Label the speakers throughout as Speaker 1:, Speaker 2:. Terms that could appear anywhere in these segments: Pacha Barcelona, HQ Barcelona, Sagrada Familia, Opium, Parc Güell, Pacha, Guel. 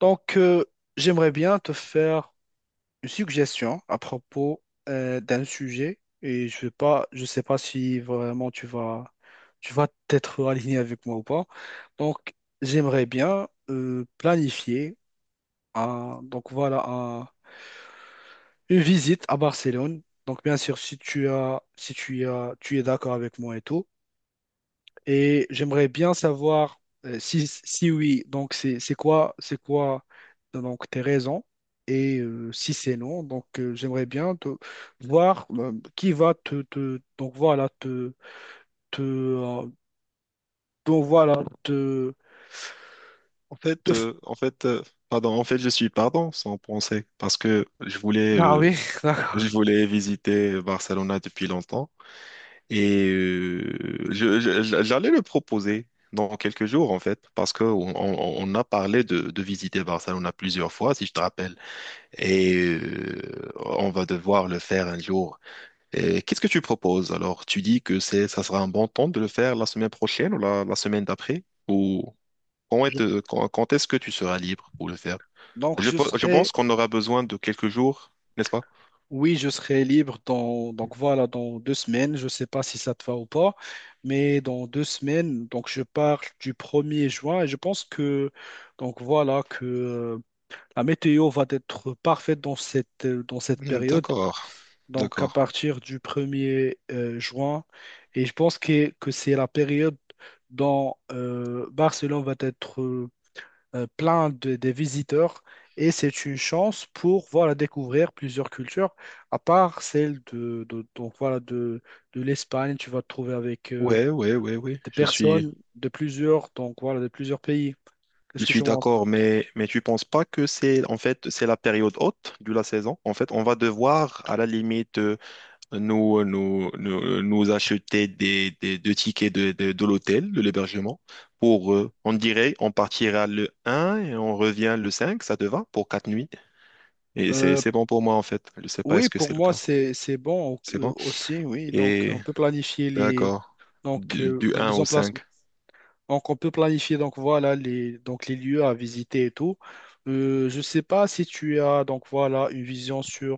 Speaker 1: Donc, euh, J'aimerais bien te faire une suggestion à propos d'un sujet et je sais pas si vraiment tu vas t'être aligné avec moi ou pas. Donc, j'aimerais bien planifier un, donc voilà, un- une visite à Barcelone. Donc, bien sûr, si tu as, tu es d'accord avec moi et tout. Et j'aimerais bien savoir si, si oui, donc c'est quoi donc tes raisons et si c'est non, donc j'aimerais bien te voir qui va donc voilà te donc voilà te,
Speaker 2: En fait,
Speaker 1: te f-
Speaker 2: euh, en fait, euh, pardon, en fait, je suis pardon sans penser parce que
Speaker 1: ah oui d'accord.
Speaker 2: je voulais visiter Barcelona depuis longtemps et j'allais le proposer dans quelques jours en fait parce que on a parlé de visiter Barcelona plusieurs fois si je te rappelle et euh, on va devoir le faire un jour. Et qu'est-ce que tu proposes alors? Tu dis que c'est, ça sera un bon temps de le faire la semaine prochaine ou la semaine d'après ou
Speaker 1: Je-
Speaker 2: quand est-ce que tu seras libre pour le faire?
Speaker 1: donc je
Speaker 2: Je
Speaker 1: serai
Speaker 2: pense qu'on aura besoin de quelques jours, n'est-ce pas?
Speaker 1: Oui, je serai libre dans, donc voilà, dans deux semaines. Je ne sais pas si ça te va ou pas, mais dans deux semaines, donc je pars du premier juin et je pense que donc voilà que la météo va être parfaite dans dans cette période.
Speaker 2: D'accord,
Speaker 1: Donc à
Speaker 2: d'accord.
Speaker 1: partir du premier juin, et je pense que c'est la période dont Barcelone va être plein de, des visiteurs et c'est une chance pour voilà, découvrir plusieurs cultures, à part celle donc, voilà, de l'Espagne. Tu vas te trouver avec
Speaker 2: Ouais, ouais, ouais, ouais.
Speaker 1: des personnes de plusieurs, donc, voilà, de plusieurs pays.
Speaker 2: Je
Speaker 1: Qu'est-ce que tu
Speaker 2: suis
Speaker 1: penses?
Speaker 2: d'accord, mais tu penses pas que c'est, en fait, c'est la période haute de la saison? En fait, on va devoir, à la limite, nous acheter des tickets de l'hôtel, de l'hébergement, pour, on dirait, on partira le un et on revient le 5, ça te va, pour quatre nuits. Et
Speaker 1: Euh,
Speaker 2: c'est bon pour moi, en fait. Je sais pas,
Speaker 1: oui,
Speaker 2: est-ce que
Speaker 1: pour
Speaker 2: c'est le
Speaker 1: moi,
Speaker 2: cas?
Speaker 1: c'est bon
Speaker 2: C'est bon.
Speaker 1: aussi, oui. Donc,
Speaker 2: Et
Speaker 1: on peut planifier les,
Speaker 2: d'accord.
Speaker 1: donc,
Speaker 2: Du
Speaker 1: dans
Speaker 2: 1
Speaker 1: les
Speaker 2: au
Speaker 1: emplacements.
Speaker 2: 5.
Speaker 1: Donc, on peut planifier donc voilà les donc les lieux à visiter et tout. Je sais pas si tu as donc voilà une vision sur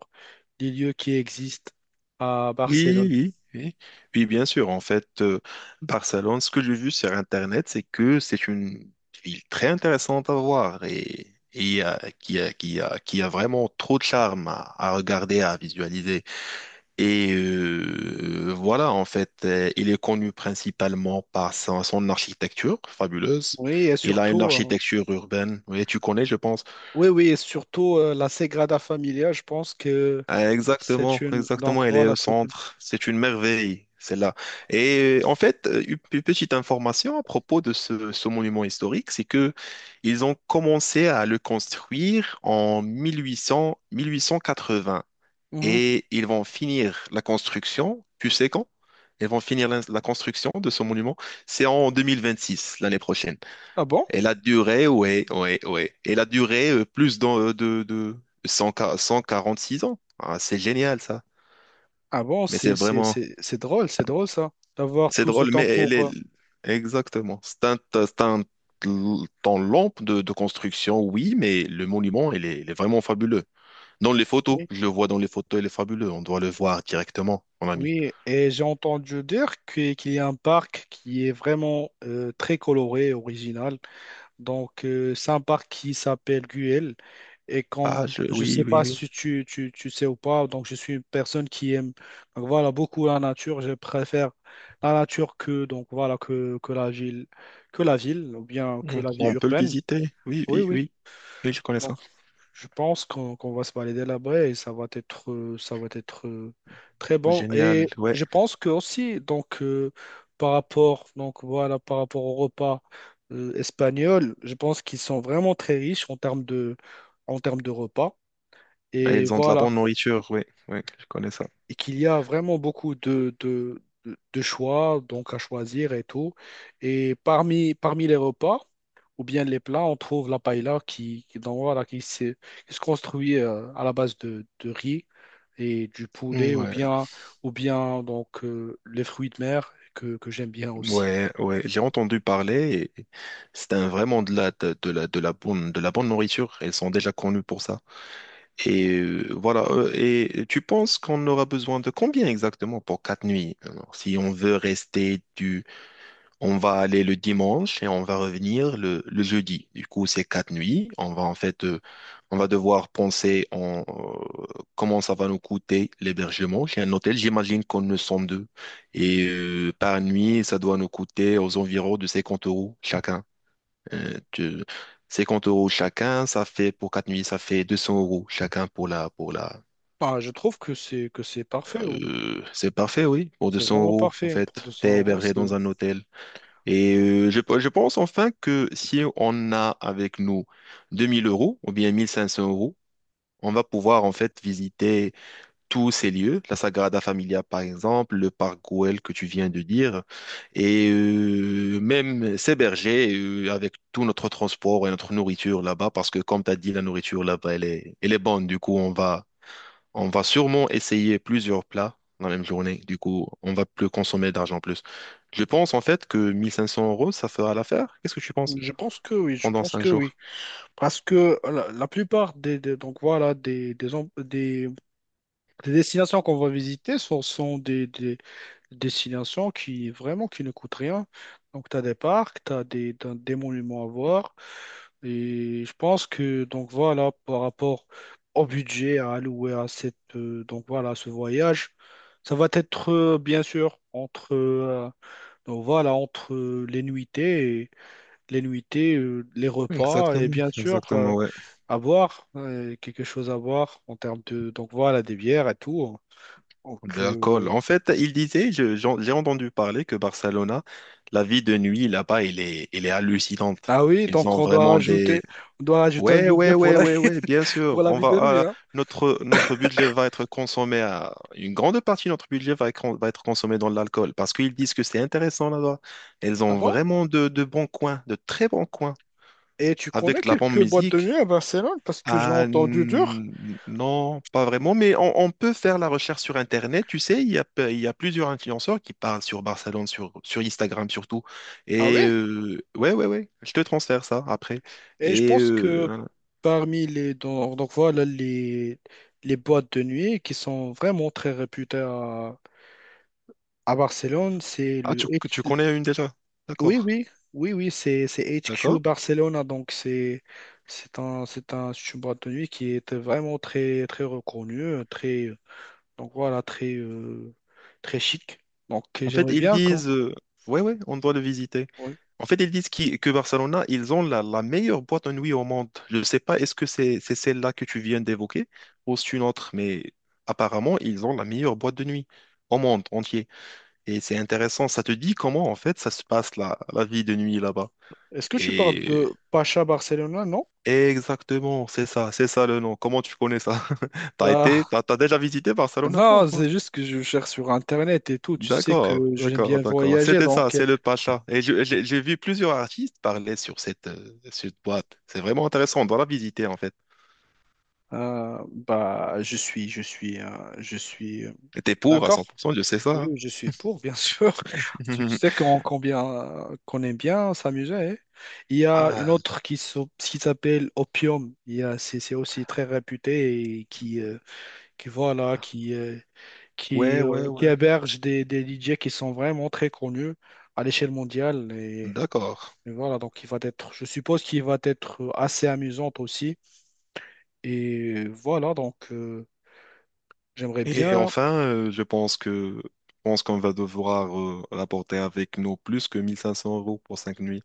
Speaker 1: les lieux qui existent à
Speaker 2: Oui,
Speaker 1: Barcelone.
Speaker 2: oui, oui. Oui, bien sûr. Barcelone, ce que j'ai vu sur Internet, c'est que c'est une ville très intéressante à voir qui a vraiment trop de charme à regarder, à visualiser. Il est connu principalement par son architecture fabuleuse.
Speaker 1: Oui, et
Speaker 2: Il a une
Speaker 1: surtout
Speaker 2: architecture urbaine. Oui, tu connais, je pense.
Speaker 1: oui oui et surtout la Sagrada Familia, je pense que
Speaker 2: Ah,
Speaker 1: c'est
Speaker 2: exactement,
Speaker 1: une
Speaker 2: exactement,
Speaker 1: donc
Speaker 2: elle est
Speaker 1: voilà.
Speaker 2: au
Speaker 1: C'est-
Speaker 2: centre. C'est une merveille, celle-là. Une petite information à propos de ce monument historique, c'est que ils ont commencé à le construire en 1800, 1880
Speaker 1: Mhm.
Speaker 2: et ils vont finir la construction, tu sais quand? Ils vont finir la construction de ce monument, c'est en 2026, l'année prochaine.
Speaker 1: Ah bon?
Speaker 2: Et la durée, ouais, ouais, ouais. Et la durée, plus dans, de 100 146 ans. Ah, c'est génial, ça.
Speaker 1: Ah bon,
Speaker 2: Mais c'est vraiment,
Speaker 1: c'est drôle ça d'avoir
Speaker 2: c'est
Speaker 1: tout ce
Speaker 2: drôle,
Speaker 1: temps
Speaker 2: mais elle
Speaker 1: pour
Speaker 2: est, exactement. C'est un temps long de construction, oui, mais le monument, il est vraiment fabuleux. Dans les photos,
Speaker 1: oui.
Speaker 2: je le vois dans les photos, il est fabuleux. On doit le voir directement, mon ami.
Speaker 1: Oui, et j'ai entendu dire qu'il y a un parc qui est vraiment très coloré, original. Donc, c'est un parc qui s'appelle Guel. Et comme
Speaker 2: Ah, je,
Speaker 1: je ne sais
Speaker 2: oui, oui,
Speaker 1: pas
Speaker 2: oui.
Speaker 1: si tu sais ou pas, donc je suis une personne qui aime donc voilà, beaucoup la nature. Je préfère la nature que, donc, voilà, que la ville ou bien que
Speaker 2: Mm.
Speaker 1: la vie
Speaker 2: On peut le
Speaker 1: urbaine.
Speaker 2: visiter. Oui,
Speaker 1: Oui,
Speaker 2: oui,
Speaker 1: oui.
Speaker 2: oui. Oui, je connais
Speaker 1: Donc.
Speaker 2: ça.
Speaker 1: Je pense qu'on va se valider là-bas et ça va être très bon.
Speaker 2: Génial,
Speaker 1: Et
Speaker 2: ouais.
Speaker 1: je pense que aussi, donc, par rapport, donc, voilà, par rapport au repas espagnol, je pense qu'ils sont vraiment très riches en termes de repas.
Speaker 2: Et
Speaker 1: Et
Speaker 2: ils ont de la
Speaker 1: voilà,
Speaker 2: bonne nourriture, oui, oui, je connais ça.
Speaker 1: et qu'il y a vraiment beaucoup de choix donc à choisir et tout. Et parmi les repas, ou bien les plats, on trouve la paella qui, donc, voilà, qui se construit à la base de riz et du poulet
Speaker 2: Ouais,
Speaker 1: ou bien donc, les fruits de mer que j'aime bien aussi.
Speaker 2: ouais, ouais. J'ai entendu parler et vraiment de la de la bonne nourriture. Elles sont déjà connues pour ça. Et voilà. Et tu penses qu'on aura besoin de combien exactement pour quatre nuits? Alors, si on veut rester on va aller le dimanche et on va revenir le jeudi. Du coup, c'est quatre nuits. On va devoir penser en, comment ça va nous coûter l'hébergement chez un hôtel. J'imagine qu'on ne sont deux. Et par nuit, ça doit nous coûter aux environs de 50 euros chacun. Euh, tu- 50 euros chacun, ça fait pour quatre nuits, ça fait 200 euros chacun pour pour la.
Speaker 1: Enfin, je trouve que c'est parfait. Ouais.
Speaker 2: C'est parfait, oui. Pour
Speaker 1: C'est
Speaker 2: 200
Speaker 1: vraiment
Speaker 2: euros, en
Speaker 1: parfait. Pour
Speaker 2: fait,
Speaker 1: deux 200
Speaker 2: t'es
Speaker 1: euros,
Speaker 2: hébergé
Speaker 1: c'est...
Speaker 2: dans un hôtel. Je pense enfin que si on a avec nous 2 000 euros ou bien 1 500 euros, on va pouvoir en fait visiter tous ces lieux, la Sagrada Familia par exemple, le parc Güell que tu viens de dire, et même s'héberger avec tout notre transport et notre nourriture là-bas, parce que comme tu as dit, la nourriture là-bas, elle est bonne, du coup on va sûrement essayer plusieurs plats dans la même journée. Du coup, on va plus consommer d'argent en plus. Je pense en fait que 1500 euros, ça fera l'affaire. Qu'est-ce que tu penses
Speaker 1: Je pense que oui, je
Speaker 2: pendant
Speaker 1: pense
Speaker 2: cinq
Speaker 1: que oui.
Speaker 2: jours?
Speaker 1: Parce que la plupart donc voilà, des destinations qu'on va visiter sont des, destination qui vraiment qui ne coûte rien. Donc tu as des parcs, t'as des monuments à voir et je pense que donc voilà par rapport au budget à allouer à cette donc voilà ce voyage, ça va être bien sûr entre donc voilà entre les les nuitées, les repas et
Speaker 2: Exactement,
Speaker 1: bien sûr
Speaker 2: exactement, ouais.
Speaker 1: à boire quelque chose à boire en termes de donc voilà des bières et tout. Donc
Speaker 2: De l'alcool. En fait, il disait, j'ai entendu parler que Barcelona, la vie de nuit là-bas, elle est hallucinante.
Speaker 1: ah oui,
Speaker 2: Ils ont vraiment des…
Speaker 1: on doit rajouter un
Speaker 2: Ouais,
Speaker 1: budget
Speaker 2: ouais,
Speaker 1: pour
Speaker 2: ouais,
Speaker 1: la,
Speaker 2: ouais, ouais, bien
Speaker 1: pour
Speaker 2: sûr.
Speaker 1: la vie de lui,
Speaker 2: Ah,
Speaker 1: hein.
Speaker 2: notre, notre budget va être consommé à… Une grande partie de notre budget va être consommé dans l'alcool parce qu'ils disent que c'est intéressant là-bas. Ils
Speaker 1: Ah
Speaker 2: ont
Speaker 1: bon?
Speaker 2: vraiment de bons coins, de très bons coins,
Speaker 1: Et tu connais
Speaker 2: avec de la bonne
Speaker 1: quelques boîtes de
Speaker 2: musique.
Speaker 1: nuit à Barcelone parce que j'ai entendu dur.
Speaker 2: Non, pas vraiment, mais on peut faire la recherche sur Internet. Tu sais, il y a plusieurs influenceurs qui parlent sur Barcelone, sur Instagram surtout.
Speaker 1: Ah oui?
Speaker 2: Et ouais, ouais, ouais, je te transfère ça après.
Speaker 1: Et je
Speaker 2: Et
Speaker 1: pense que
Speaker 2: euh,
Speaker 1: donc voilà les boîtes de nuit qui sont vraiment très réputées à Barcelone, c'est
Speaker 2: ah,
Speaker 1: le
Speaker 2: tu
Speaker 1: H-
Speaker 2: connais une déjà?
Speaker 1: oui
Speaker 2: D'accord,
Speaker 1: oui oui oui c'est HQ
Speaker 2: d'accord.
Speaker 1: Barcelona donc c'est une boîte de nuit qui est vraiment très reconnue, très donc voilà, très, très chic. Donc
Speaker 2: En fait,
Speaker 1: j'aimerais
Speaker 2: ils
Speaker 1: bien quand.
Speaker 2: disent, Ouais, ouais, on doit le visiter.
Speaker 1: Oui.
Speaker 2: En fait, ils disent que Barcelona, ils ont la meilleure boîte de nuit au monde. Je ne sais pas, est-ce que c'est celle-là que tu viens d'évoquer ou c'est une autre, mais apparemment, ils ont la meilleure boîte de nuit au monde entier. Et c'est intéressant, ça te dit comment, en fait, ça se passe, la vie de nuit là-bas.
Speaker 1: Est-ce que tu parles
Speaker 2: Et
Speaker 1: de Pacha Barcelona? Non?
Speaker 2: exactement, c'est ça le nom. Comment tu connais ça? T'as été,
Speaker 1: Bah,
Speaker 2: t'as déjà visité Barcelona, toi, ou
Speaker 1: non,
Speaker 2: quoi?
Speaker 1: c'est juste que je cherche sur Internet et tout. Tu sais que
Speaker 2: D'accord,
Speaker 1: j'aime
Speaker 2: d'accord,
Speaker 1: bien
Speaker 2: d'accord.
Speaker 1: voyager,
Speaker 2: C'était ça,
Speaker 1: donc
Speaker 2: c'est le Pacha. Et j'ai vu plusieurs artistes parler sur cette, cette boîte. C'est vraiment intéressant, on doit la visiter en fait.
Speaker 1: je suis, je suis, je suis
Speaker 2: Et t'es pour à
Speaker 1: d'accord.
Speaker 2: 100%, je sais ça,
Speaker 1: Oui,
Speaker 2: hein.
Speaker 1: oui, je suis pour, bien sûr. Tu sais qu'on combien, qu'on aime bien s'amuser. Hein. Il y a une
Speaker 2: Ah,
Speaker 1: autre qui s'appelle Opium. Il y a- c'est aussi très réputé et qui voilà,
Speaker 2: ouais, ouais,
Speaker 1: qui
Speaker 2: ouais.
Speaker 1: héberge des DJ qui sont vraiment très connus à l'échelle mondiale.
Speaker 2: D'accord.
Speaker 1: Et voilà, donc il va être, je suppose qu'il va être assez amusant aussi. Et voilà, donc j'aimerais
Speaker 2: Et
Speaker 1: bien.
Speaker 2: enfin, je pense qu'on va devoir rapporter avec nous plus que 1500 euros pour cinq nuits.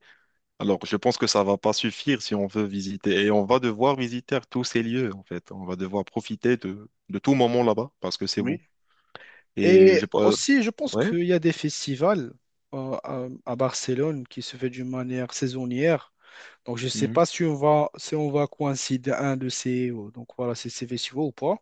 Speaker 2: Alors, je pense que ça va pas suffire si on veut visiter. Et on va devoir visiter tous ces lieux en fait. On va devoir profiter de tout moment là-bas parce que c'est beau.
Speaker 1: Oui. Et
Speaker 2: J'ai pas…
Speaker 1: aussi, je pense
Speaker 2: Ouais?
Speaker 1: qu'il y a des festivals à Barcelone qui se fait d'une manière saisonnière. Donc je ne sais
Speaker 2: Mhm.
Speaker 1: pas si on va, si on va coïncider un de donc voilà, ces ces festivals ou pas.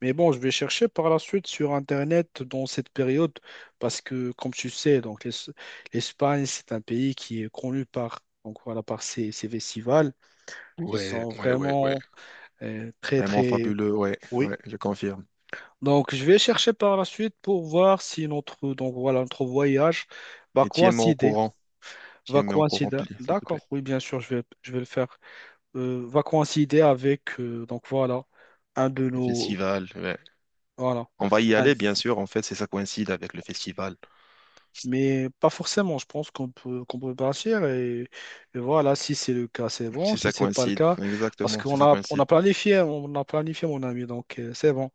Speaker 1: Mais bon, je vais chercher par la suite sur Internet dans cette période parce que, comme tu sais, donc l'Es- l'Espagne, c'est un pays qui est connu par, donc voilà, par ses, ses festivals qui
Speaker 2: Ouais,
Speaker 1: sont
Speaker 2: ouais, ouais, ouais.
Speaker 1: vraiment
Speaker 2: Vraiment
Speaker 1: très...
Speaker 2: fabuleux, ouais,
Speaker 1: Oui.
Speaker 2: ouais, je confirme.
Speaker 1: Donc, je vais chercher par la suite pour voir si notre, donc, voilà, notre voyage va
Speaker 2: Et
Speaker 1: coïncider. Va
Speaker 2: tiens-moi au courant,
Speaker 1: coïncider.
Speaker 2: s'il te plaît.
Speaker 1: D'accord, oui, bien sûr, je vais le faire. Va coïncider avec, donc voilà, un de
Speaker 2: Le
Speaker 1: nos...
Speaker 2: festival, ouais.
Speaker 1: Voilà.
Speaker 2: On va y aller, bien sûr, en fait, si ça coïncide avec le festival.
Speaker 1: Mais pas forcément, je pense qu'on peut partir et voilà, si c'est le cas, c'est bon,
Speaker 2: Si
Speaker 1: si
Speaker 2: ça
Speaker 1: c'est pas le
Speaker 2: coïncide,
Speaker 1: cas, parce
Speaker 2: exactement, si
Speaker 1: qu'on
Speaker 2: ça
Speaker 1: a,
Speaker 2: coïncide.
Speaker 1: on a planifié mon ami, donc c'est bon.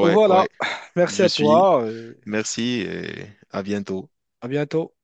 Speaker 1: Donc voilà,
Speaker 2: ouais,
Speaker 1: merci
Speaker 2: je
Speaker 1: à
Speaker 2: suis.
Speaker 1: toi,
Speaker 2: Merci et à bientôt.
Speaker 1: à bientôt.